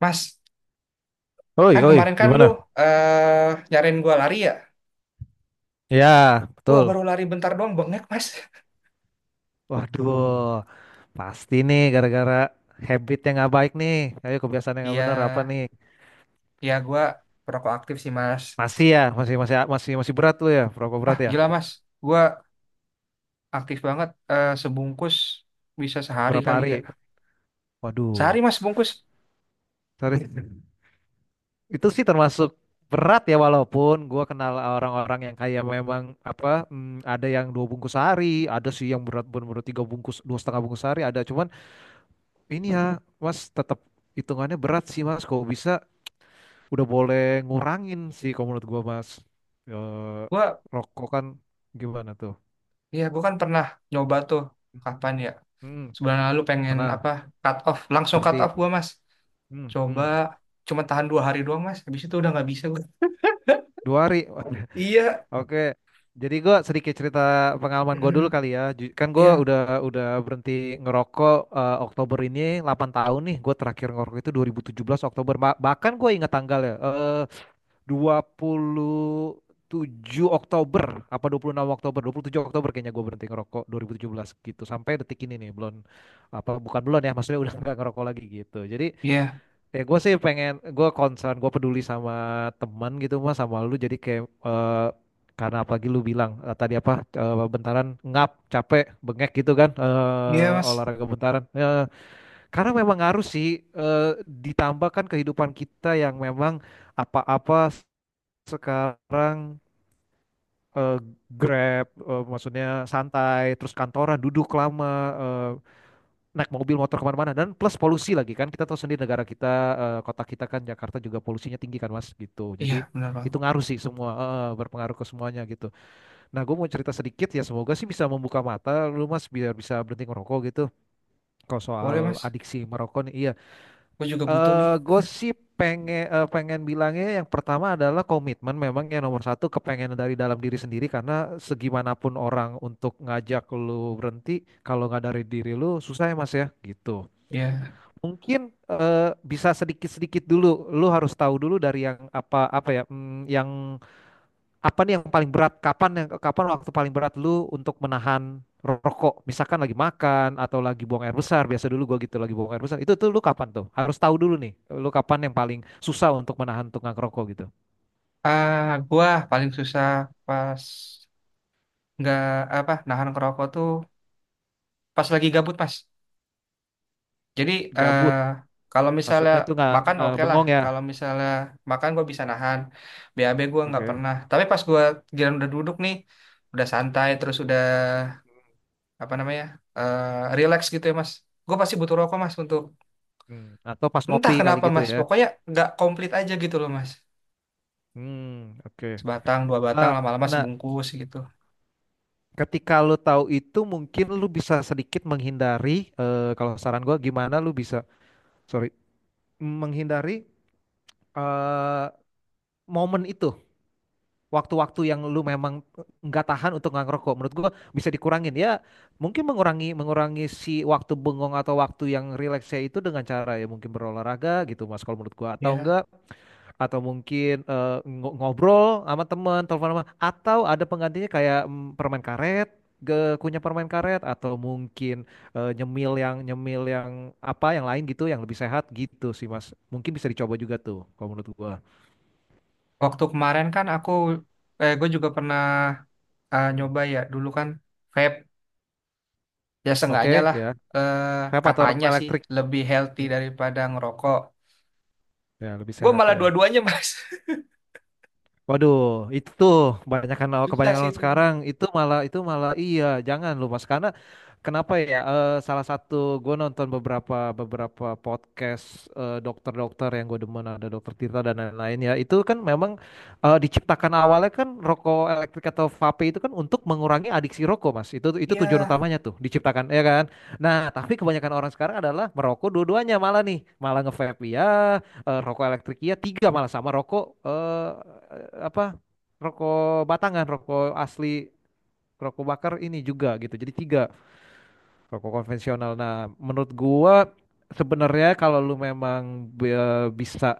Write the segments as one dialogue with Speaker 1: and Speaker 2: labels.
Speaker 1: Mas,
Speaker 2: Oi,
Speaker 1: kan
Speaker 2: oi,
Speaker 1: kemarin kan lu
Speaker 2: gimana?
Speaker 1: nyariin gua lari ya?
Speaker 2: Ya,
Speaker 1: Gua baru
Speaker 2: betul.
Speaker 1: lari bentar doang bengek, Mas.
Speaker 2: Waduh, pasti nih gara-gara habit yang nggak baik nih. Ayo kebiasaan yang nggak
Speaker 1: Iya,
Speaker 2: bener apa nih?
Speaker 1: iya gua perokok aktif sih, Mas.
Speaker 2: Masih ya, masih masih masih masih berat tuh ya. Berapa berat
Speaker 1: Ah,
Speaker 2: ya?
Speaker 1: gila, Mas. Gua aktif banget sebungkus bisa sehari
Speaker 2: Berapa
Speaker 1: kali
Speaker 2: hari?
Speaker 1: ya. Sehari,
Speaker 2: Waduh,
Speaker 1: Mas, bungkus.
Speaker 2: sorry. Itu sih termasuk berat ya walaupun gua kenal orang-orang yang kayak memang apa ada yang 2 bungkus sehari, ada sih yang berat bener-bener 3 bungkus, 2,5 bungkus sehari ada. Cuman ini ya, Mas tetap hitungannya berat sih Mas. Kok bisa? Udah boleh ngurangin sih kalau menurut gua mas. Eh,
Speaker 1: Gua
Speaker 2: Rokok kan gimana tuh?
Speaker 1: iya, gua kan pernah nyoba tuh kapan ya?
Speaker 2: hmm,
Speaker 1: Sebulan lalu pengen
Speaker 2: Pernah
Speaker 1: apa? Cut off, langsung cut off
Speaker 2: berhenti.
Speaker 1: gua, Mas.
Speaker 2: Hmm,
Speaker 1: Coba
Speaker 2: hmm.
Speaker 1: cuma tahan 2 hari doang, Mas. Habis itu udah nggak bisa gua.
Speaker 2: 2 hari.
Speaker 1: Iya.
Speaker 2: Oke, jadi gue sedikit cerita pengalaman gue dulu kali ya, kan gue
Speaker 1: Iya.
Speaker 2: udah berhenti ngerokok Oktober ini 8 tahun nih. Gue terakhir ngerokok itu 2017 Oktober. Bahkan gue ingat tanggalnya. 27 Oktober apa 26 Oktober, 27 Oktober kayaknya gue berhenti ngerokok 2017 gitu, sampai detik ini nih belum, apa bukan belum ya, maksudnya udah nggak ngerokok lagi gitu. Jadi
Speaker 1: Iya.
Speaker 2: ya, gue sih pengen, gue concern, gue peduli sama teman gitu mas, sama lu, jadi kayak karena apalagi lu bilang tadi apa bentaran ngap capek bengek gitu kan,
Speaker 1: Iya, Mas.
Speaker 2: olahraga bentaran. Karena memang harus sih ditambahkan kehidupan kita yang memang apa-apa sekarang eh, Grab, maksudnya santai, terus kantoran duduk lama, naik mobil motor kemana-mana, dan plus polusi lagi kan, kita tahu sendiri negara kita, kota kita kan Jakarta juga polusinya tinggi kan Mas, gitu. Jadi
Speaker 1: Iya, benar
Speaker 2: itu
Speaker 1: banget.
Speaker 2: ngaruh sih semua, berpengaruh ke semuanya gitu. Nah, gue mau cerita sedikit ya, semoga sih bisa membuka mata lu Mas biar bisa berhenti ngerokok gitu kalau soal
Speaker 1: Boleh mas,
Speaker 2: adiksi merokok nih, iya.
Speaker 1: gue juga butuh nih.
Speaker 2: Gue pengen, pengen bilangnya yang pertama adalah komitmen, memang yang nomor satu kepengen dari dalam diri sendiri, karena segimanapun orang untuk ngajak lu berhenti kalau nggak dari diri lu susah ya mas ya, gitu.
Speaker 1: Ya,
Speaker 2: Mungkin bisa sedikit-sedikit dulu, lu harus tahu dulu dari yang apa apa ya, mm, yang apa nih yang paling berat? Kapan waktu paling berat lu untuk menahan rokok? Misalkan lagi makan atau lagi buang air besar, biasa dulu gua gitu lagi buang air besar. Itu tuh lu kapan tuh? Harus tahu dulu nih, lu kapan yang paling susah untuk menahan tunggang rokok gitu.
Speaker 1: ah gue paling susah pas nggak apa nahan kerokok tuh pas lagi gabut mas. Jadi eh
Speaker 2: Gabut,
Speaker 1: kalau misalnya
Speaker 2: maksudnya tuh nggak,
Speaker 1: makan oke lah,
Speaker 2: bengong ya.
Speaker 1: kalau misalnya makan gue bisa nahan. BAB gue nggak
Speaker 2: Oke.
Speaker 1: pernah. Tapi pas gue giliran udah duduk nih, udah santai terus udah apa namanya eh relax gitu ya mas. Gue pasti butuh rokok mas untuk
Speaker 2: Atau pas
Speaker 1: entah
Speaker 2: ngopi kali
Speaker 1: kenapa
Speaker 2: gitu
Speaker 1: mas.
Speaker 2: ya.
Speaker 1: Pokoknya nggak komplit aja gitu loh mas.
Speaker 2: Hmm, oke.
Speaker 1: Sebatang 2 batang
Speaker 2: Eh,
Speaker 1: lama-lama
Speaker 2: nah,
Speaker 1: sebungkus gitu.
Speaker 2: ketika lu tahu itu mungkin lu bisa sedikit menghindari, kalau saran gua gimana lu bisa, sorry, menghindari eh, momen itu, waktu-waktu yang lu memang nggak tahan untuk nggak ngerokok, menurut gua bisa dikurangin ya. Mungkin mengurangi mengurangi si waktu bengong atau waktu yang rileksnya itu dengan cara ya mungkin berolahraga gitu mas kalau menurut gua, atau
Speaker 1: Ya,
Speaker 2: enggak, atau mungkin ngobrol sama teman, telepon sama, atau ada penggantinya kayak permen karet, ke kunyah permen karet, atau mungkin nyemil yang yang lain gitu, yang lebih sehat gitu sih mas, mungkin bisa dicoba juga tuh kalau menurut gua.
Speaker 1: waktu kemarin kan aku, eh, gue juga pernah
Speaker 2: Hmm.
Speaker 1: nyoba ya. Dulu kan vape, ya
Speaker 2: Oke,
Speaker 1: seenggaknya lah
Speaker 2: ya,
Speaker 1: eh,
Speaker 2: vape atau
Speaker 1: katanya
Speaker 2: rokok
Speaker 1: sih
Speaker 2: elektrik.
Speaker 1: lebih healthy
Speaker 2: Mm,
Speaker 1: daripada ngerokok.
Speaker 2: Ya, lebih
Speaker 1: Gue
Speaker 2: sehat
Speaker 1: malah
Speaker 2: ya.
Speaker 1: dua-duanya mas.
Speaker 2: Waduh, itu tuh kebanyakan
Speaker 1: Susah
Speaker 2: kebanyakan
Speaker 1: sih
Speaker 2: orang
Speaker 1: itu.
Speaker 2: sekarang itu malah, iya, jangan lu Mas, karena kenapa ya? Salah satu, gue nonton beberapa, podcast dokter-dokter yang gue demen, ada dokter Tirta dan lain-lain ya. Itu kan memang diciptakan awalnya kan rokok elektrik atau vape itu kan untuk mengurangi adiksi rokok Mas. Itu tujuan
Speaker 1: Iya,
Speaker 2: utamanya tuh diciptakan ya kan. Nah, tapi kebanyakan orang sekarang adalah merokok dua-duanya malah nih, malah nge-vape ya, rokok elektrik, iya tiga malah, sama rokok, eh apa rokok batangan, rokok asli, rokok bakar ini juga, gitu jadi tiga rokok konvensional. Nah menurut gua sebenarnya kalau lu memang bisa,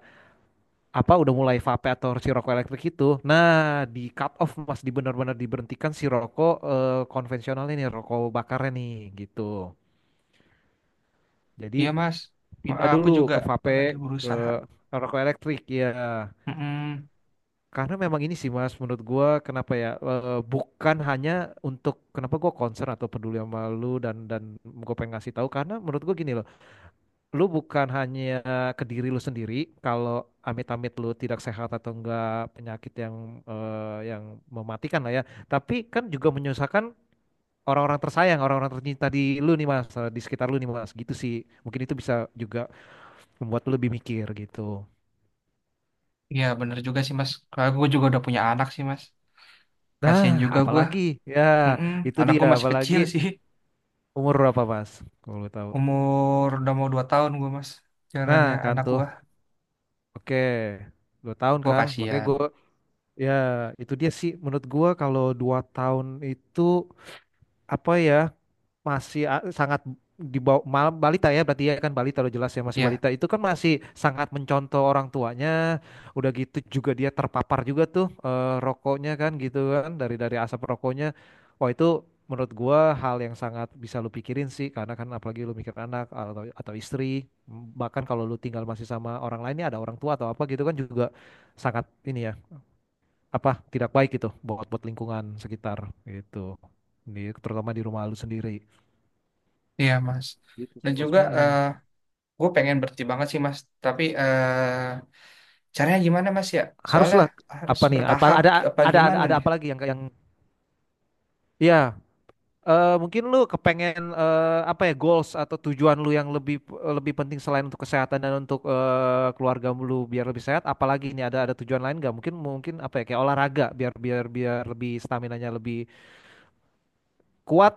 Speaker 2: udah mulai vape atau si rokok elektrik itu, nah, di cut off mas, di benar-benar diberhentikan si rokok konvensional ini, rokok bakarnya nih gitu. Jadi
Speaker 1: iya mas.
Speaker 2: pindah
Speaker 1: Aku
Speaker 2: dulu
Speaker 1: juga
Speaker 2: ke vape,
Speaker 1: lagi
Speaker 2: ke
Speaker 1: berusaha.
Speaker 2: rokok elektrik ya.
Speaker 1: Mm-mm.
Speaker 2: Karena memang ini sih Mas, menurut gua kenapa ya, bukan hanya untuk, kenapa gua concern atau peduli sama lu, dan gua pengen ngasih tahu, karena menurut gua gini loh, lu bukan hanya ke diri lu sendiri kalau amit-amit lu tidak sehat atau enggak, penyakit yang eh, yang mematikan lah ya, tapi kan juga menyusahkan orang-orang tersayang, orang-orang tercinta di lu nih Mas, di sekitar lu nih Mas, gitu sih. Mungkin itu bisa juga membuat lu lebih mikir gitu.
Speaker 1: Iya bener juga sih mas. Karena gue juga udah punya anak sih mas.
Speaker 2: Nah,
Speaker 1: Kasian juga gue.
Speaker 2: apalagi ya
Speaker 1: Mm-mm.
Speaker 2: itu
Speaker 1: Anak
Speaker 2: dia,
Speaker 1: gue masih
Speaker 2: apalagi.
Speaker 1: kecil sih.
Speaker 2: Umur berapa mas? Kalau lu tahu.
Speaker 1: Umur udah mau 2 tahun gue mas.
Speaker 2: Nah
Speaker 1: Jalannya
Speaker 2: kan
Speaker 1: anak
Speaker 2: tuh,
Speaker 1: gue.
Speaker 2: oke, 2 tahun
Speaker 1: Gue
Speaker 2: kan. Makanya
Speaker 1: kasihan.
Speaker 2: gue, ya itu dia sih. Menurut gue kalau 2 tahun itu apa ya? Masih sangat di bawah malam balita ya berarti ya kan, balita udah jelas ya, masih
Speaker 1: Ya,
Speaker 2: balita itu kan masih sangat mencontoh orang tuanya. Udah gitu juga dia terpapar juga tuh rokoknya kan gitu, kan dari asap rokoknya. Wah itu menurut gua hal yang sangat bisa lu pikirin sih, karena kan apalagi lu mikir anak atau istri, bahkan kalau lu tinggal masih sama orang lainnya, ada orang tua atau apa gitu kan juga sangat ini ya, apa, tidak baik gitu buat buat lingkungan sekitar gitu, ini terutama di rumah lu sendiri.
Speaker 1: iya, Mas.
Speaker 2: Gitu
Speaker 1: Dan
Speaker 2: sih Mas.
Speaker 1: juga
Speaker 2: Mm-mm.
Speaker 1: gue pengen berhenti banget sih, Mas. Tapi caranya gimana, Mas ya? Soalnya
Speaker 2: Haruslah
Speaker 1: harus
Speaker 2: apa nih? Ya, apa
Speaker 1: bertahap
Speaker 2: ada,
Speaker 1: apa gimana
Speaker 2: ada
Speaker 1: nih?
Speaker 2: apa lagi yang ya, mungkin lu kepengen, eh, apa ya goals atau tujuan lu yang lebih, penting selain untuk kesehatan, dan untuk keluarga lu biar lebih sehat. Apalagi ini ada tujuan lain nggak? Mungkin Mungkin apa ya, kayak olahraga biar biar biar lebih stamina-nya lebih kuat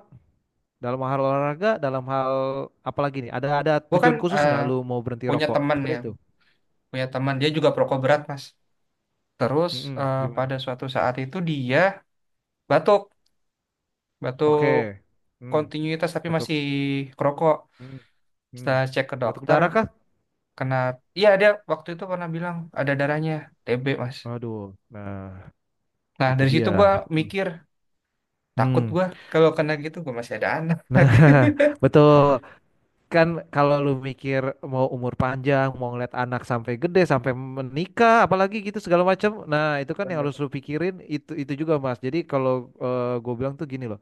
Speaker 2: dalam hal olahraga, dalam hal apalagi nih, ada
Speaker 1: Gue kan
Speaker 2: tujuan khusus nggak lu mau berhenti
Speaker 1: punya
Speaker 2: rokok
Speaker 1: teman
Speaker 2: seperti
Speaker 1: ya,
Speaker 2: itu?
Speaker 1: punya teman dia juga perokok berat, Mas. Terus
Speaker 2: Mm-mm. Gimana?
Speaker 1: pada suatu saat itu dia batuk, batuk
Speaker 2: Oke. Hmm.
Speaker 1: kontinuitas tapi
Speaker 2: Betul.
Speaker 1: masih kerokok.
Speaker 2: Hmm. Hmm.
Speaker 1: Setelah cek ke
Speaker 2: Batuk
Speaker 1: dokter,
Speaker 2: darah kah?
Speaker 1: kena, iya dia waktu itu pernah bilang ada darahnya TB, Mas.
Speaker 2: Aduh, nah,
Speaker 1: Nah
Speaker 2: itu
Speaker 1: dari situ
Speaker 2: dia.
Speaker 1: gue mikir, takut
Speaker 2: Hmm.
Speaker 1: gua kalau kena gitu gua masih ada anak.
Speaker 2: Nah, betul kan, kalau lu mikir mau umur panjang, mau ngeliat anak sampai gede, sampai menikah, apalagi gitu segala macam. Nah, itu kan yang
Speaker 1: Bener.
Speaker 2: harus lu pikirin, itu juga Mas. Jadi kalau gue bilang tuh gini loh.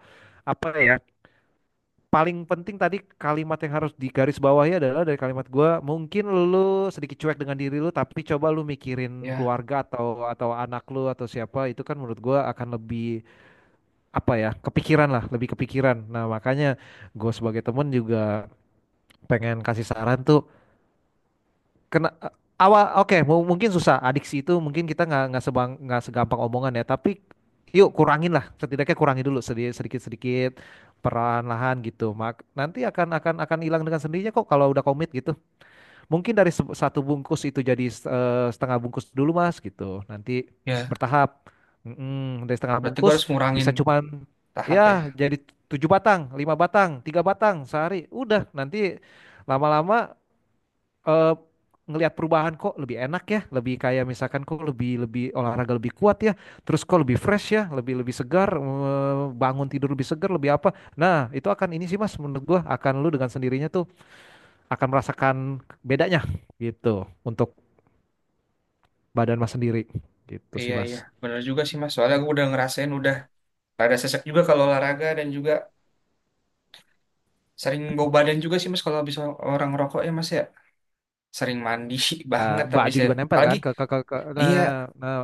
Speaker 2: Apa ya? Paling penting, tadi kalimat yang harus digarisbawahi adalah, dari kalimat gua, mungkin lu sedikit cuek dengan diri lu tapi coba lu mikirin
Speaker 1: Ya,
Speaker 2: keluarga atau anak lu atau siapa, itu kan menurut gua akan lebih, apa ya, kepikiran lah, lebih kepikiran. Nah makanya gue sebagai temen juga pengen kasih saran tuh, kena awal oke, mungkin susah adiksi itu, mungkin kita nggak nggak segampang omongan ya, tapi yuk kurangin lah, setidaknya kurangi dulu sedikit sedikit sedikit perlahan-lahan gitu mak, nanti akan hilang dengan sendirinya kok kalau udah komit gitu. Mungkin dari 1 bungkus itu jadi setengah bungkus dulu mas gitu, nanti
Speaker 1: ya.
Speaker 2: bertahap. Mm-mm, dari setengah
Speaker 1: Berarti gua
Speaker 2: bungkus
Speaker 1: harus ngurangin
Speaker 2: bisa, cuman
Speaker 1: tahap ya.
Speaker 2: ya, jadi 7 batang, 5 batang, 3 batang sehari udah, nanti lama-lama eh ngelihat perubahan, kok lebih enak ya, lebih, kayak misalkan kok lebih, olahraga lebih kuat ya, terus kok lebih fresh ya, lebih, segar, bangun tidur lebih segar, lebih apa. Nah, itu akan ini sih Mas, menurut gua akan lu dengan sendirinya tuh akan merasakan bedanya gitu, untuk badan Mas sendiri. Gitu
Speaker 1: Iya,
Speaker 2: sih
Speaker 1: iya.
Speaker 2: Mas.
Speaker 1: Bener juga sih mas. Soalnya gua udah ngerasain udah rada sesek juga kalau olahraga dan juga sering bau badan juga sih mas kalau habis orang rokok ya mas ya. Sering mandi banget tapi
Speaker 2: Baju
Speaker 1: saya
Speaker 2: juga nempel
Speaker 1: apalagi
Speaker 2: kan ke
Speaker 1: iya,
Speaker 2: nah,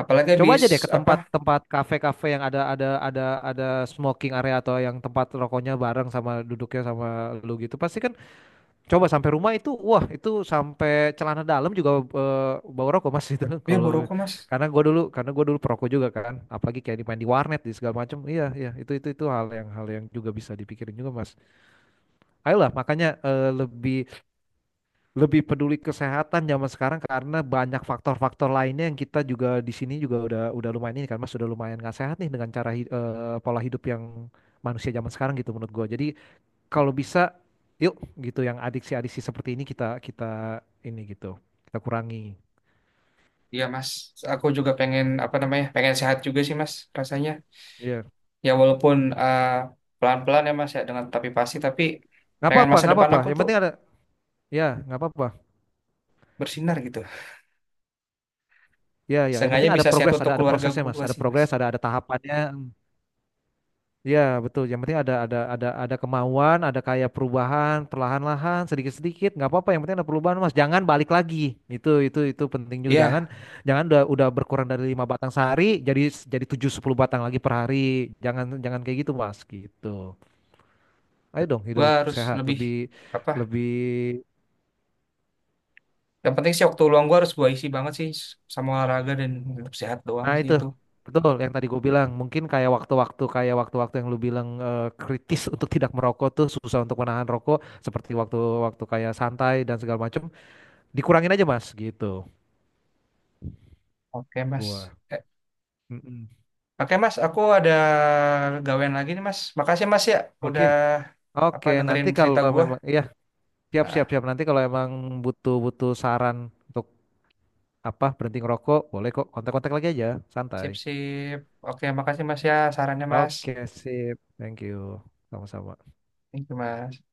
Speaker 1: apalagi
Speaker 2: coba aja deh
Speaker 1: habis
Speaker 2: ke
Speaker 1: apa
Speaker 2: tempat-tempat kafe-kafe yang ada smoking area, atau yang tempat rokoknya bareng sama duduknya sama lu gitu pasti kan. Coba sampai rumah itu, wah itu sampai celana dalam juga bau rokok mas itu.
Speaker 1: ya bau
Speaker 2: Kalau
Speaker 1: rokok mas.
Speaker 2: karena gue dulu, perokok juga kan, apalagi kayak dimain di warnet di segala macam, iya iya, itu hal yang juga bisa dipikirin juga mas. Ayolah, makanya lebih, peduli kesehatan zaman sekarang, karena banyak faktor-faktor lainnya yang kita juga di sini juga udah lumayan ini kan mas, sudah lumayan nggak sehat nih dengan cara, pola hidup yang manusia zaman sekarang gitu menurut gue. Jadi kalau bisa, yuk gitu yang adiksi-adiksi seperti ini kita kita ini gitu, kita kurangi.
Speaker 1: Iya mas, aku juga pengen apa namanya pengen sehat juga sih mas rasanya.
Speaker 2: Iya.
Speaker 1: Ya walaupun pelan-pelan ya Mas ya, dengan tapi pasti, tapi
Speaker 2: Nggak
Speaker 1: pengen
Speaker 2: apa-apa,
Speaker 1: masa
Speaker 2: nggak
Speaker 1: depan
Speaker 2: apa-apa,
Speaker 1: aku
Speaker 2: yang
Speaker 1: tuh
Speaker 2: penting ada. Ya, nggak apa-apa.
Speaker 1: bersinar gitu.
Speaker 2: Ya, yang
Speaker 1: Seenggaknya
Speaker 2: penting ada
Speaker 1: bisa sehat
Speaker 2: progres,
Speaker 1: untuk
Speaker 2: ada
Speaker 1: keluarga
Speaker 2: prosesnya mas,
Speaker 1: gua
Speaker 2: ada
Speaker 1: sih Mas.
Speaker 2: progres, ada tahapannya. Ya betul, yang penting ada kemauan, ada kayak perubahan perlahan-lahan sedikit-sedikit, nggak apa-apa, yang penting ada perubahan mas, jangan balik lagi, itu penting juga, jangan,
Speaker 1: Iya,
Speaker 2: jangan udah berkurang dari 5 batang sehari jadi tujuh, sepuluh batang lagi per hari, jangan, jangan kayak gitu mas gitu. Ayo dong
Speaker 1: gua
Speaker 2: hidup
Speaker 1: harus
Speaker 2: sehat,
Speaker 1: lebih
Speaker 2: lebih,
Speaker 1: apa?
Speaker 2: lebih,
Speaker 1: Yang penting sih waktu luang gua harus gua isi banget sih sama olahraga dan hidup sehat doang
Speaker 2: nah
Speaker 1: sih
Speaker 2: itu
Speaker 1: itu.
Speaker 2: betul, yang tadi gue bilang mungkin kayak waktu-waktu, yang lu bilang kritis untuk tidak merokok tuh, susah untuk menahan rokok seperti waktu-waktu kayak santai dan segala macam, dikurangin aja mas gitu
Speaker 1: Oke Mas.
Speaker 2: gua.
Speaker 1: Eh,
Speaker 2: Mm-mm.
Speaker 1: Oke Mas, aku ada gawean lagi nih Mas. Makasih Mas ya
Speaker 2: Oke.
Speaker 1: udah apa
Speaker 2: Oke, nanti
Speaker 1: dengerin
Speaker 2: kalau
Speaker 1: cerita gua.
Speaker 2: memang ya, siap siap
Speaker 1: Ah,
Speaker 2: siap, nanti kalau emang butuh butuh saran untuk berhenti ngerokok boleh kok, kontak-kontak lagi aja, santai.
Speaker 1: sip sip. Oke, makasih Mas ya sarannya Mas.
Speaker 2: Oke, sip, thank you, sama-sama.
Speaker 1: Thank you Mas.